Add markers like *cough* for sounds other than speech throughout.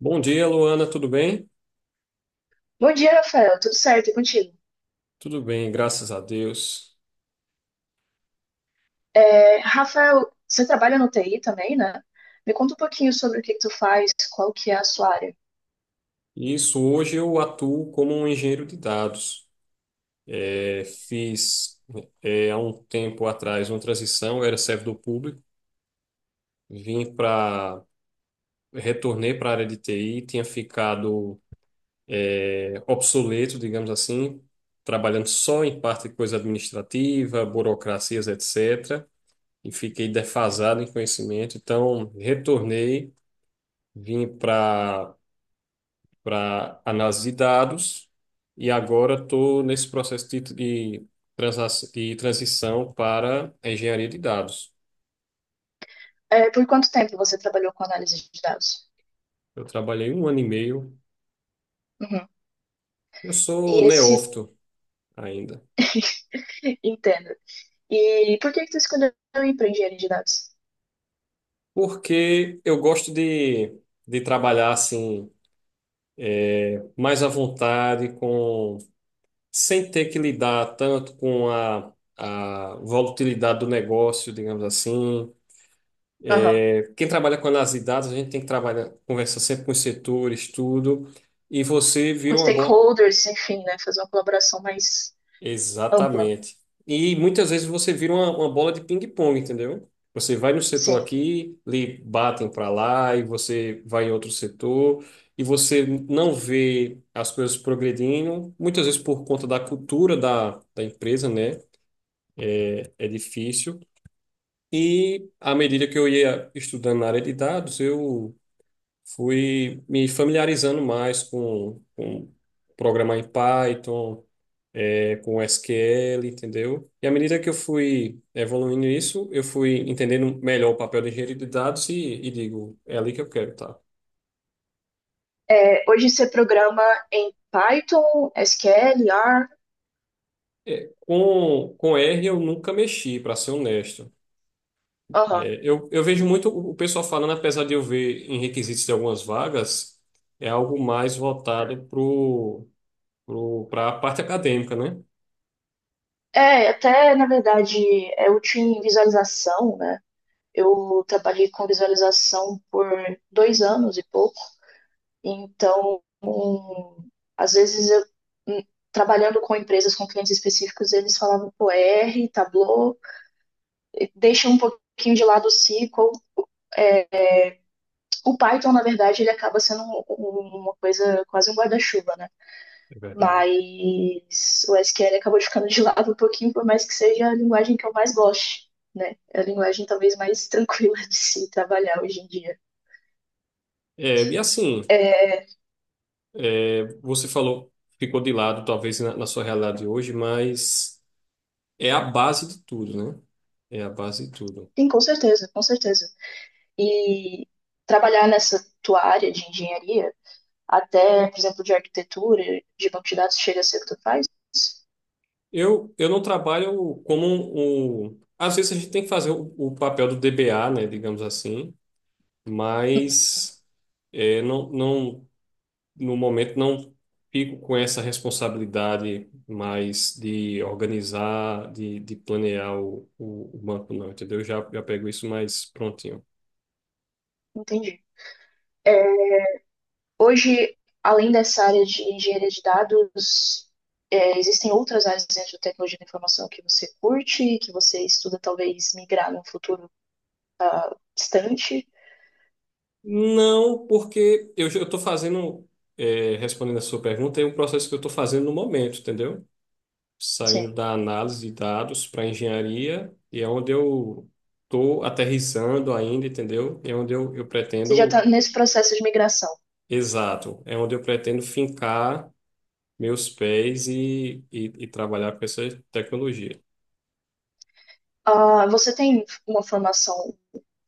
Bom dia, Luana, tudo bem? Bom dia, Rafael. Tudo certo? E contigo? Tudo bem, graças a Deus. Rafael, você trabalha no TI também, né? Me conta um pouquinho sobre o que que tu faz, qual que é a sua área. Isso, hoje eu atuo como um engenheiro de dados. É, fiz, Há um tempo atrás, uma transição. Eu era servidor público, vim para, retornei para a área de TI. Tinha ficado, obsoleto, digamos assim, trabalhando só em parte de coisa administrativa, burocracias, etc. E fiquei defasado em conhecimento, então retornei, vim para análise de dados, e agora estou nesse processo de transição para a engenharia de dados. É, por quanto tempo você trabalhou com análise de dados? Eu trabalhei um ano e meio, Uhum. eu sou E esse... neófito ainda. *laughs* Entendo. E por que que tu escolheu ir para engenharia de dados? Porque eu gosto de trabalhar assim mais à vontade, com, sem ter que lidar tanto com a volatilidade do negócio, digamos assim. Aham. Quem trabalha com análise de dados, a gente tem que trabalhar, conversar sempre com os setores, tudo, e você Com vira uma bola. stakeholders, enfim, né? Fazer uma colaboração mais ampla. Exatamente. E muitas vezes você vira uma bola de ping-pong, entendeu? Você vai no setor Sim. aqui, lhe batem para lá, e você vai em outro setor, e você não vê as coisas progredindo, muitas vezes por conta da cultura da empresa, né? É difícil. E à medida que eu ia estudando na área de dados, eu fui me familiarizando mais com programar em Python, com SQL, entendeu? E à medida que eu fui evoluindo isso, eu fui entendendo melhor o papel do engenheiro de dados, e digo, é ali que eu quero, tá? É, hoje você programa em Python, SQL, R? É com R eu nunca mexi, para ser honesto. Aham. Eu vejo muito o pessoal falando, apesar de eu ver em requisitos de algumas vagas, é algo mais voltado para a parte acadêmica, né? É, até na verdade, é útil em visualização, né? Eu trabalhei com visualização por dois anos e pouco, então, às vezes, hum, trabalhando com empresas, com clientes específicos, eles falavam pro R, Tableau, e deixa um pouquinho de lado o SQL. O Python, na verdade, ele acaba sendo uma coisa, quase um guarda-chuva, né? É verdade. Mas o SQL acabou ficando de lado um pouquinho, por mais que seja a linguagem que eu mais goste, né? É a linguagem talvez mais *laughs* tranquila de se trabalhar hoje em dia. É, e assim. É, É, você falou, ficou de lado, talvez na sua realidade hoje, mas é a base de tudo, né? É a base de tudo. sim, com certeza, com certeza. E trabalhar nessa tua área de engenharia, até, por exemplo, de arquitetura, de banco de dados, chega a ser o que tu faz? Eu não trabalho como às vezes a gente tem que fazer o papel do DBA, né? Digamos assim, Uhum, mas é, não, não, no momento não fico com essa responsabilidade mais de organizar, de planear o banco, não, entendeu? Eu já pego isso mais prontinho. entendi. É, hoje, além dessa área de engenharia de dados, é, existem outras áreas dentro da tecnologia da informação que você curte, que você estuda talvez migrar num futuro distante? Não, porque eu estou fazendo, respondendo a sua pergunta, é um processo que eu estou fazendo no momento, entendeu? Sim, Saindo da análise de dados para engenharia, e é onde eu estou aterrissando ainda, entendeu? É onde eu você já está pretendo, nesse processo de migração. exato, é onde eu pretendo fincar meus pés e trabalhar com essa tecnologia. Ah, você tem uma formação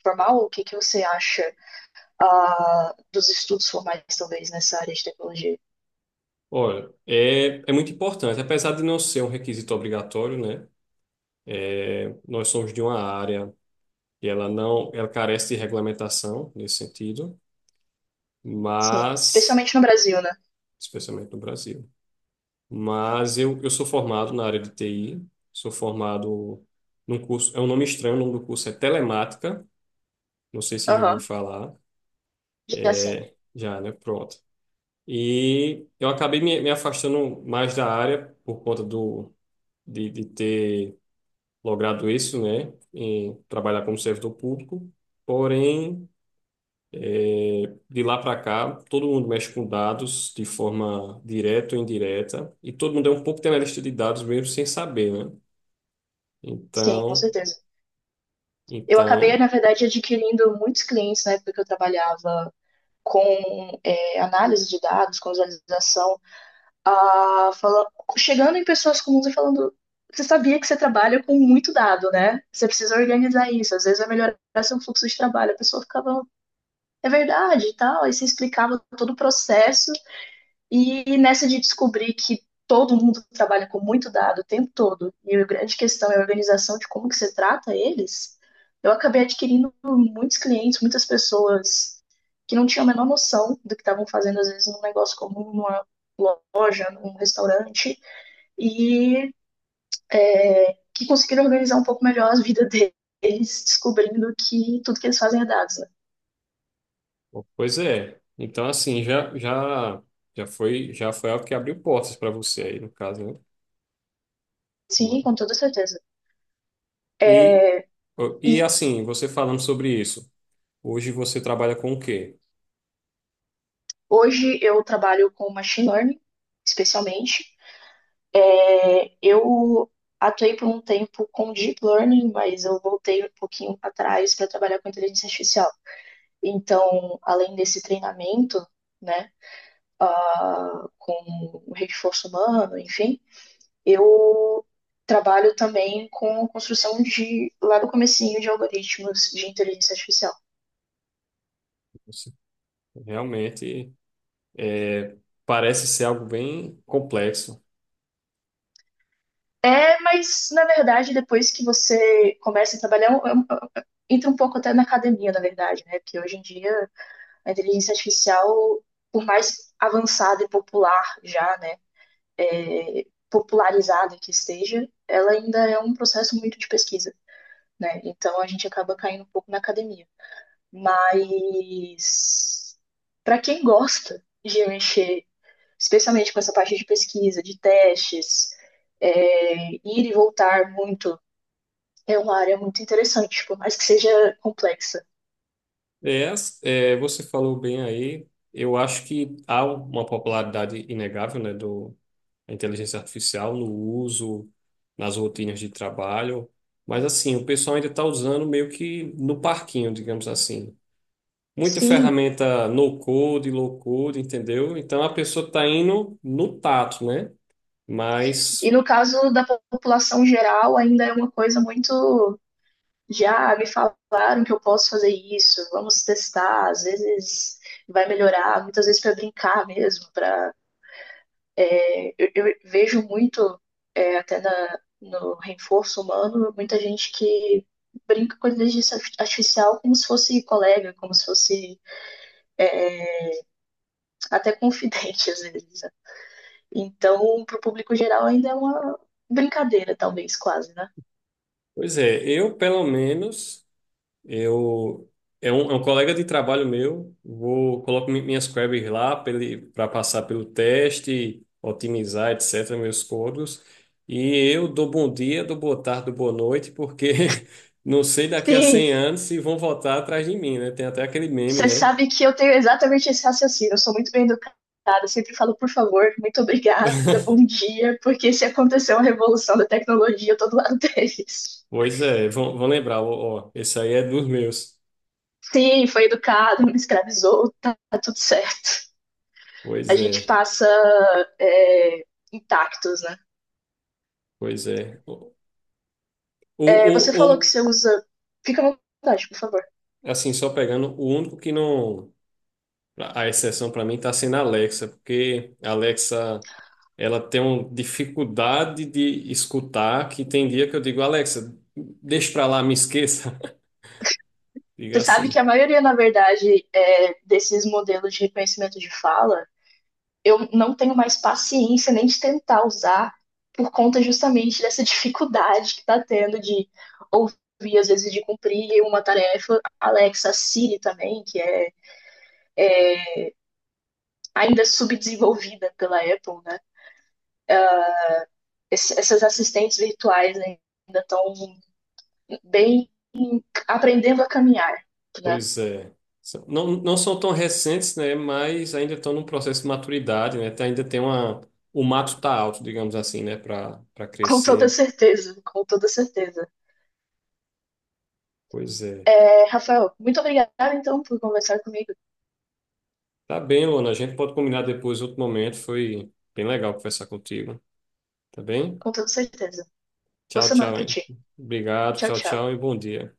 formal? O que que você acha ah, dos estudos formais, talvez, nessa área de tecnologia? Olha, é, é muito importante, apesar de não ser um requisito obrigatório, né? Nós somos de uma área, e ela não, ela carece de regulamentação nesse sentido, Sim, mas, especialmente no Brasil, né? especialmente no Brasil. Mas eu sou formado na área de TI, sou formado num curso, é um nome estranho, o nome do curso é Telemática, não sei se já ouviu Aham, falar, já sim. já, né? Pronto. E eu acabei me afastando mais da área por conta do, de ter logrado isso, né? Em trabalhar como servidor público, porém É, de lá para cá, todo mundo mexe com dados de forma direta ou indireta, e todo mundo é um pouco de dados mesmo sem saber, né? Sim, com Então, certeza. Eu acabei, então, na verdade, adquirindo muitos clientes na época que eu trabalhava com é, análise de dados, com visualização, a fala, chegando em pessoas comuns e falando: você sabia que você trabalha com muito dado, né? Você precisa organizar isso, às vezes vai melhorar seu fluxo de trabalho. A pessoa ficava, é verdade e tal. Aí você explicava todo o processo e nessa de descobrir que todo mundo trabalha com muito dado o tempo todo, e a grande questão é a organização de como que você trata eles, eu acabei adquirindo muitos clientes, muitas pessoas que não tinham a menor noção do que estavam fazendo, às vezes, num negócio comum, numa loja, num restaurante, e que conseguiram organizar um pouco melhor a vida *laughs* deles, descobrindo que tudo que eles fazem é dados. Né? pois é. Então, assim, já foi algo que abriu portas para você aí, no caso, né? Vamos Sim, lá. com toda certeza. E, e E assim, você falando sobre isso, hoje você trabalha com o quê? hoje eu trabalho com machine learning, especialmente, é, eu atuei por um tempo com deep learning, mas eu voltei um pouquinho para trás para trabalhar com inteligência artificial. Então, além desse treinamento, né, ah, com o reforço humano, enfim, eu trabalho também com construção de, lá do comecinho, de algoritmos de inteligência artificial. Você realmente, é, parece ser algo bem complexo. É, mas na verdade, depois que você começa a trabalhar, é um, entra um pouco até na academia, na verdade, né? Porque hoje em dia a inteligência artificial, por mais avançada e popular já, né, é, popularizada que esteja, ela ainda é um processo muito de pesquisa, né? Então a gente acaba caindo um pouco na academia. Mas para quem gosta de mexer, especialmente com essa parte de pesquisa, de testes, é, ir e voltar muito, é uma área muito interessante, por mais que seja complexa. Você falou bem aí. Eu acho que há uma popularidade inegável, né, do da inteligência artificial no uso, nas rotinas de trabalho. Mas assim, o pessoal ainda está usando meio que no parquinho, digamos assim. Muita Sim, ferramenta no code, low code, entendeu? Então a pessoa está indo no tato, né? e Mas, no caso da população geral, ainda é uma coisa muito. Já me falaram que eu posso fazer isso, vamos testar, às vezes vai melhorar, muitas vezes para brincar mesmo. Pra, vejo muito, é, até na, no reforço humano, muita gente que brinca com inteligência artificial como se fosse colega, como se fosse até confidente às vezes. Então, para o público geral, ainda é uma brincadeira, talvez, quase, né? pois é, eu pelo menos. Eu é um colega de trabalho meu. Vou, coloco minhas queries lá para passar pelo teste, otimizar, etc. Meus códigos. E eu dou bom dia, dou boa tarde, dou boa noite, porque *laughs* não sei daqui a Sim, 100 anos se vão voltar atrás de mim, né? Tem até aquele meme, você né? sabe que eu tenho exatamente esse raciocínio. Eu sou muito bem educada, eu sempre falo por favor, muito obrigada, bom *laughs* dia, porque se aconteceu uma revolução da tecnologia, eu tô do lado *laughs* deles. Pois é, vão lembrar, ó, ó, esse aí é dos meus. Sim, foi educado, não me escravizou, tá, tá tudo certo. A Pois gente é, passa é, intactos, né? pois é. O, É, o, você falou que o- você usa. Fica à vontade, por favor. assim, só pegando, o único que não... A exceção para mim está sendo a Alexa, porque a Alexa, ela tem uma dificuldade de escutar, que tem dia que eu digo: Alexa, deixa para lá, me esqueça. *laughs* Diga Você sabe que assim. a maioria, na verdade, é, desses modelos de reconhecimento de fala, eu não tenho mais paciência nem de tentar usar por conta justamente dessa dificuldade que está tendo de ouvir, às vezes, de cumprir uma tarefa. Alexa, Siri também, que é ainda subdesenvolvida pela Apple, né? Essas assistentes virtuais ainda estão bem aprendendo a caminhar, né? Pois é. Não, não são tão recentes, né? Mas ainda estão num processo de maturidade, né? Ainda tem uma... O mato está alto, digamos assim, né? Para Com toda crescer. certeza, com toda certeza. Pois é. É, Rafael, muito obrigada então por conversar comigo, Tá bem, Luana. A gente pode combinar depois, outro momento. Foi bem legal conversar contigo. Tá bem? com toda certeza. Boa Tchau, semana tchau, para hein? ti. Obrigado, Tchau, tchau, tchau. tchau e bom dia.